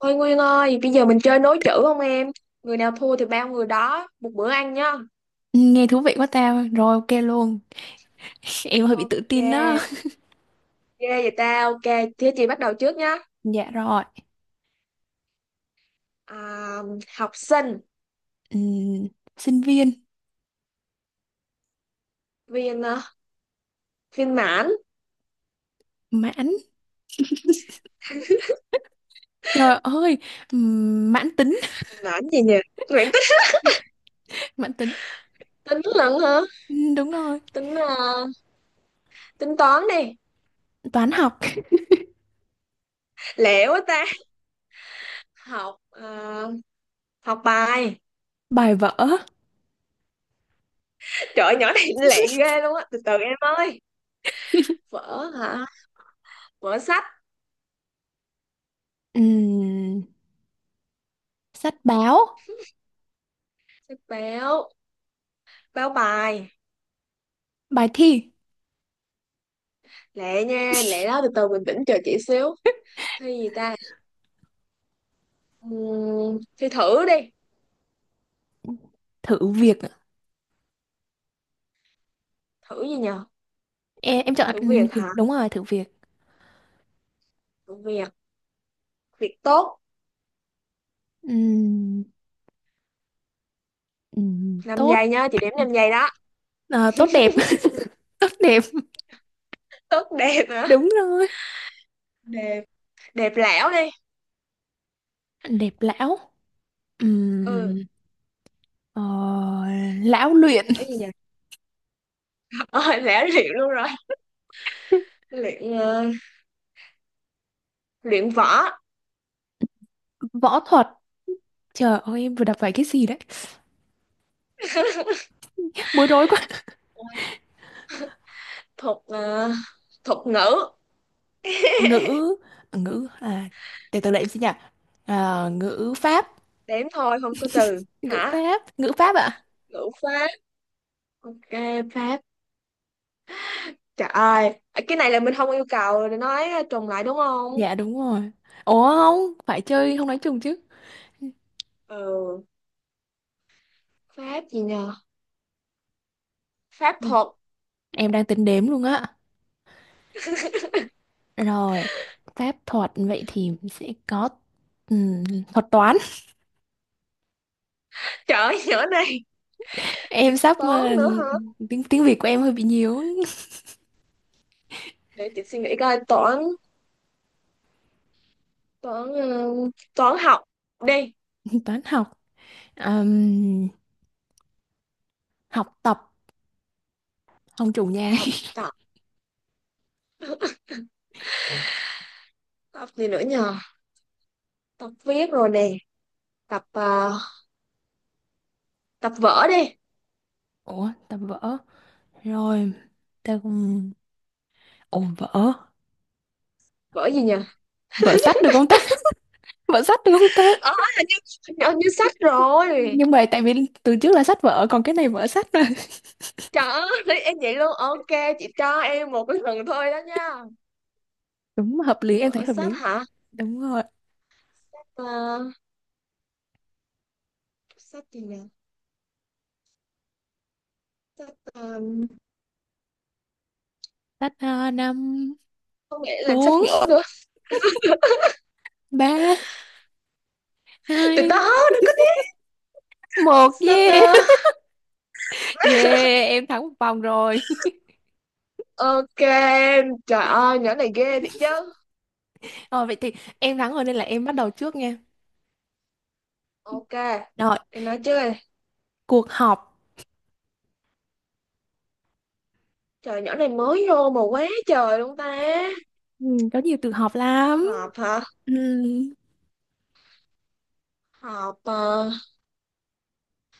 Thôi Nguyên ơi, bây giờ mình chơi nối chữ không em? Người nào thua thì bao người đó, một bữa ăn nhá. Nghe thú vị quá tao. Rồi ok luôn. Em hơi bị tự Ok, tin đó. ghê vậy ta, ok. Thế chị bắt đầu trước nhá. Dạ rồi. À, học sinh, Ừm, sinh viên viên viên mãn, mãn. Trời ơi, mãn tính, mãn gì nhỉ? Mãn tính, mãn tính. tính lận hả? Đúng rồi. Tính tính toán đi. Toán học, Lẹ quá ta. Học học bài. bài vở, Trời ơi, nhỏ này lẹ ghê luôn á, từ từ em ơi. Vở hả? Vở sách, Ừm, sách báo, sách báo, báo bài. bài thi, Lẹ nha, lẹ đó, từ từ bình tĩnh chờ chị xíu. Thi gì ta? Thi thử đi. thử việc. Ạ. Thử gì nhờ? Em chọn Thử việc thử, hả? đúng rồi, thử việc. Thử việc, việc tốt. Ừm, 5 tốt. giây nhá, chị đếm 5 giây đó. Ờ, tốt đẹp. Tốt đẹp. Tốt đẹp hả? Đúng rồi. Đẹp, đẹp lẻo đi. Đẹp lão. Ừ, Ờ, lão luyện. cái gì nhờ? Ờ, lẻo luyện luôn rồi. Luyện luyện võ. Võ thuật. Trời ơi, em vừa đọc phải cái gì đấy, bối rối quá. Thuật thuật ngữ. Ngữ ngữ à, để từ lại em xin nhỉ. À, ngữ pháp. Đếm thôi, không có từ ngữ hả? pháp ngữ pháp ạ à? Ngữ pháp, ok. Pháp, trời ơi. Cái này là mình không yêu cầu để nói trùng lại đúng không? Dạ đúng rồi. Ủa không, phải chơi không nói chung chứ. Ừ, pháp gì nhờ? Pháp Ừ, thuật, em đang tính đếm luôn á. Rồi pháp thuật vậy thì sẽ có ừm, thuật toán. trời ơi, nhỏ này. Em sắp Toán nữa hả? tiếng tiếng Việt của em hơi bị nhiều. Để chị suy nghĩ coi. Toán, toán, ừ, toán học đi. Toán học. Ừm, học tập, không chủ nhà. Học tập, tập gì nữa nhờ? Tập viết rồi nè. Tập tập vở đi. Ủa ta vỡ rồi, ta cũng ồ vỡ. Vở gì nhờ? Vỡ sách được không ta? Vỡ sách được không ta? Ờ, hình như, hình như sách rồi. Nhưng mà tại vì từ trước là sách vở còn cái này vỡ sách mà. Trời ơi, em vậy luôn. Ok, chị cho em một cái lần thôi đó nha. Đúng, hợp lý, em thấy Vở hợp sách lý. hả? Đúng rồi. Sách sách gì nhờ? Sách ờ, Sách năm không nghĩ là bốn sách nữa nữa ba từ từ hai đừng có biết một sách yeah. Yeah, em thắng một vòng rồi. ok. Trời ơi, nhỏ này ghê thiệt chứ. Ờ, vậy thì em thắng rồi nên là em bắt đầu trước nha. Ok, Rồi, thì nói chơi. cuộc họp. Trời, nhỏ này mới vô mà quá trời luôn ta. Ừ, có nhiều từ họp lắm. Họp hả? Ừ, Họp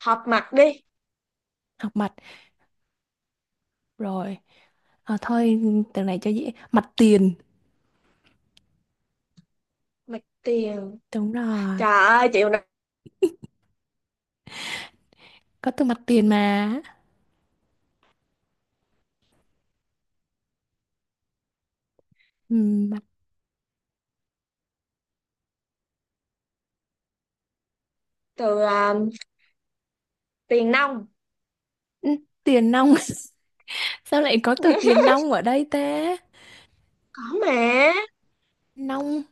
họp mặt đi. họp mặt. Rồi à, thôi từ này cho dễ, mặt tiền. Mặt tiền. Đúng rồi, Trời ơi, chịu nè. có từ mặt tiền mà. Ừ, mặt. Từ tiền nông. Ừ, tiền nong. Sao lại có từ tiền nong ở đây ta? Có mà. Nong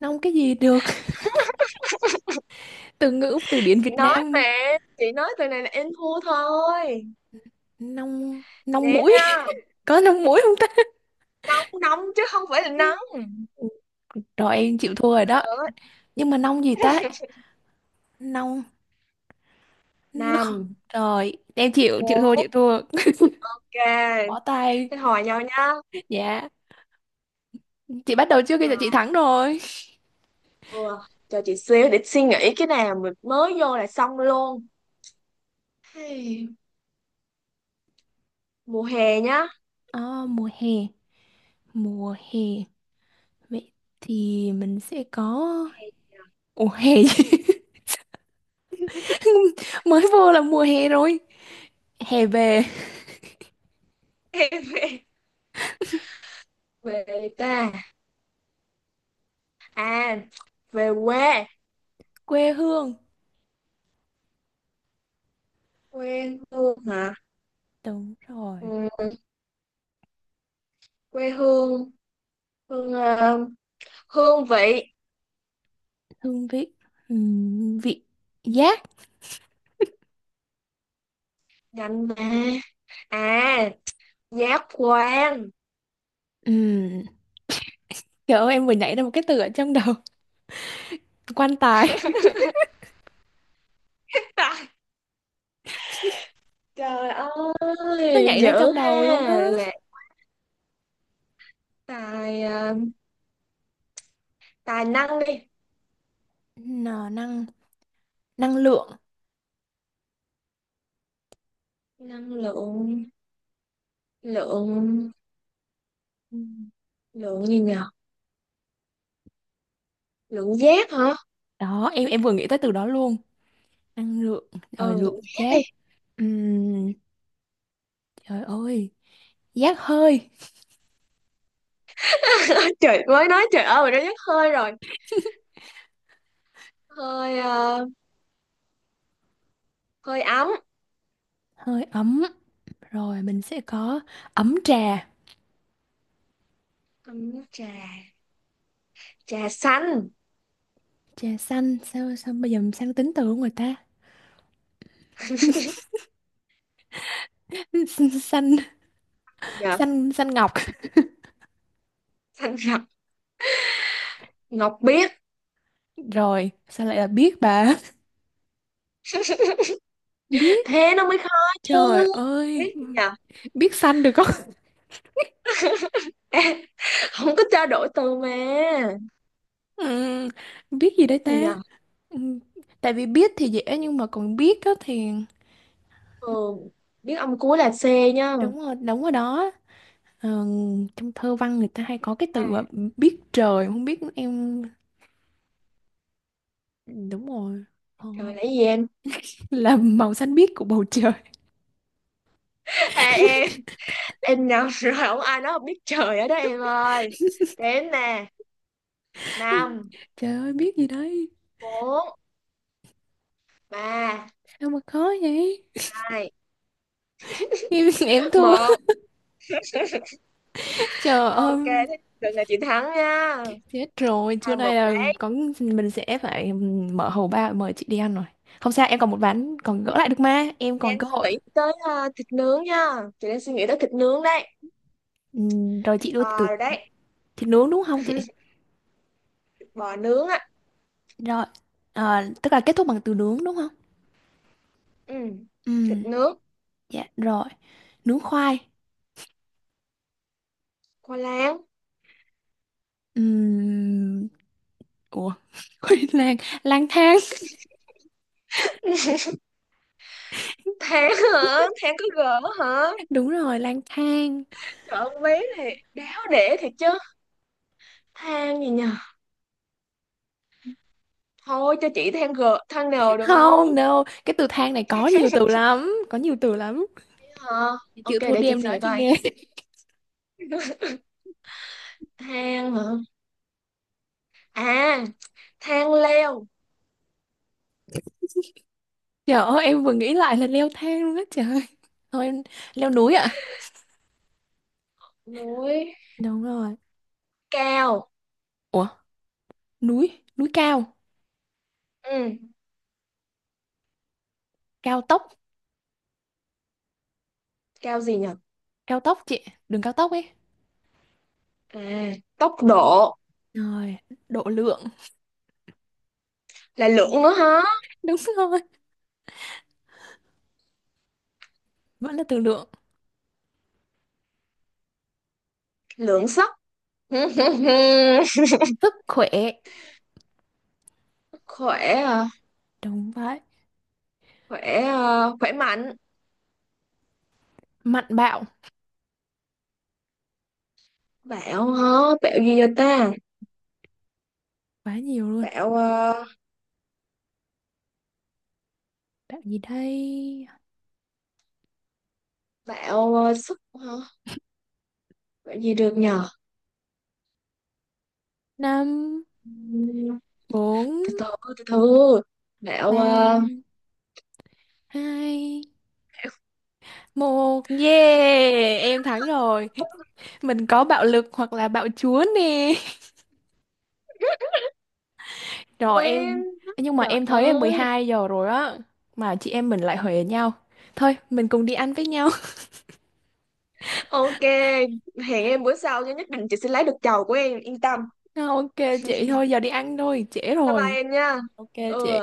nong cái gì được? Từ ngữ từ điển Chị Việt nói Nam. mà. Chị nói từ này là em thua thôi. Nong nong Để mũi. nha. Có nong mũi không ta? Nong nong chứ không phải là nắng. Ừ, rồi em chịu thua rồi đó, nhưng mà nong gì ta? Nong, nó khó. Năm, Rồi em chịu chịu bốn, thua, ok. chịu thua. Bỏ tay. Thế hỏi nhau nha. Dạ, chị bắt đầu trước Ờ, khi chị thắng rồi. ừ. Cho chị xíu để suy nghĩ. Cái nào mình mới vô là xong luôn. Hey, mùa hè nhá. Ờ, mùa hè, mùa hè. Vậy thì mình sẽ có, ủa hè chứ. Mới vô là mùa hè rồi. Hè về Em về, về ta, à, về quê. quê hương. Quê hương hả? Đúng rồi. Ừ, quê hương. Hương hương vị. Hương vị. Vị giác. Nhanh mà. À, giác quan. Ừm. Trời ơi, em vừa nhảy ra một cái từ ở trong đầu. Quan tài. Trời Nó ơi nhảy ra dữ trong đầu ha. luôn á. Là tài tài năng đi. Nó năng, năng lượng. Năng lượng, lượng, Ừm. lượng gì nhờ? Lượng giác hả? Đó, em vừa nghĩ tới từ đó luôn. Năng lượng. Rồi Ừ, lượng lượng giác đi. giác. Ừm, Trời ơi. Giác hơi. Trời, mới nói trời ơi rồi nó dứt hơi rồi. Hơi hơi ấm. Hơi ấm. Rồi mình sẽ có ấm trà. Ấm nước trà, trà xanh. Trà xanh, sao sao bây giờ mình sang tính từ của người ta. Xanh xanh. Gì nhờ? Xanh xanh ngọc. Xanh rập, ngọc biếc. Rồi sao lại là biết bà? Biết, Thế nó mới khó chứ. trời ơi. Biết gì nhờ? Biết xanh được không? Ê, không có trao đổi từ mà. Ừ, biết gì Biết đấy gì ta? nhờ? Ừ, tại vì biết thì dễ nhưng mà còn biết á thì. Ừ, biết ông cuối là C nhá. Đúng rồi, đúng rồi đó. Ờ, trong thơ văn người ta hay có cái À, từ mà biết trời không biết em. Ừ, đúng rồi. ờ, trời lấy gì em? là màu xanh biếc của bầu trời. À, em nhầm rồi, không ai nói không biết trời ở đó em ơi. Đến nè. Năm, Trời ơi, biết gì đấy? bốn, ba, Sao mà khó vậy. hai, Em thua. một, Trời ơi, ok. Thế đừng, là chị thắng nha. chết rồi, trưa Hai, nay một. là có mình sẽ phải mở hầu ba, mời chị đi ăn rồi. Không sao, em còn một ván còn gỡ lại được mà, em còn Đang cơ suy hội. nghĩ tới thịt nướng nha. Chị đang suy nghĩ tới thịt nướng đấy. Rồi Thịt chị đưa từ bò rồi đấy. thịt nướng đúng không chị? Thịt bò nướng á. Rồi, tức là kết thúc bằng từ nướng đúng không? Ừ. Thịt Ừm, nướng, dạ rồi, nướng khoai. khoai lang. Ừm, ủa, quên lang, lang thang. Than hả? Than có gỡ hả? Đúng rồi, lang thang. Trời ơi, con bé này đáo để thiệt chứ. Than gì nhờ? Thôi cho chị than gỡ, than nều được không? Không, no, cái từ thang này có nhiều từ lắm, có nhiều từ lắm. Hả? Chị Ok, chịu thua để đi, chị em suy nói nghĩ chị coi. nghe. Than hả? À, than leo. Trời ơi, em vừa nghĩ lại là leo thang luôn á trời ơi. Thôi em leo núi ạ. Núi Đúng rồi. cao. Ủa núi, núi cao, Ừ, cao tốc, cao gì nhờ? cao tốc chị, đường cao tốc ấy. À, tốc độ. Rồi, độ lượng. Là lượng nữa hả? Đúng rồi, vẫn là từ lượng. Lượng sắt. Khỏe. Sức khỏe. À, Đúng vậy. khỏe, à, khỏe mạnh. Mạnh bạo, Bạo hả? Bạo gì vậy ta? quá nhiều luôn. Bạo à, Bạo gì đây? bạo à, sức hả? Bạo gì được nhờ? Năm Ừm, bốn từ từ từ từ bạo ba à, hai một. Yeah, em thắng rồi. Mình có bạo lực hoặc là bạo chúa nè. Rồi quên. em, nhưng mà Trời em thấy em mười ơi, hai giờ rồi á, mà chị em mình lại huề nhau. Thôi mình cùng đi ăn với nhau. ok. Hẹn em bữa sau nha, nhất định chị sẽ lấy được chầu của em, yên tâm. Ok chị, thôi giờ đi ăn thôi, trễ Bye rồi. bye em nha. Ok Ừ. chị.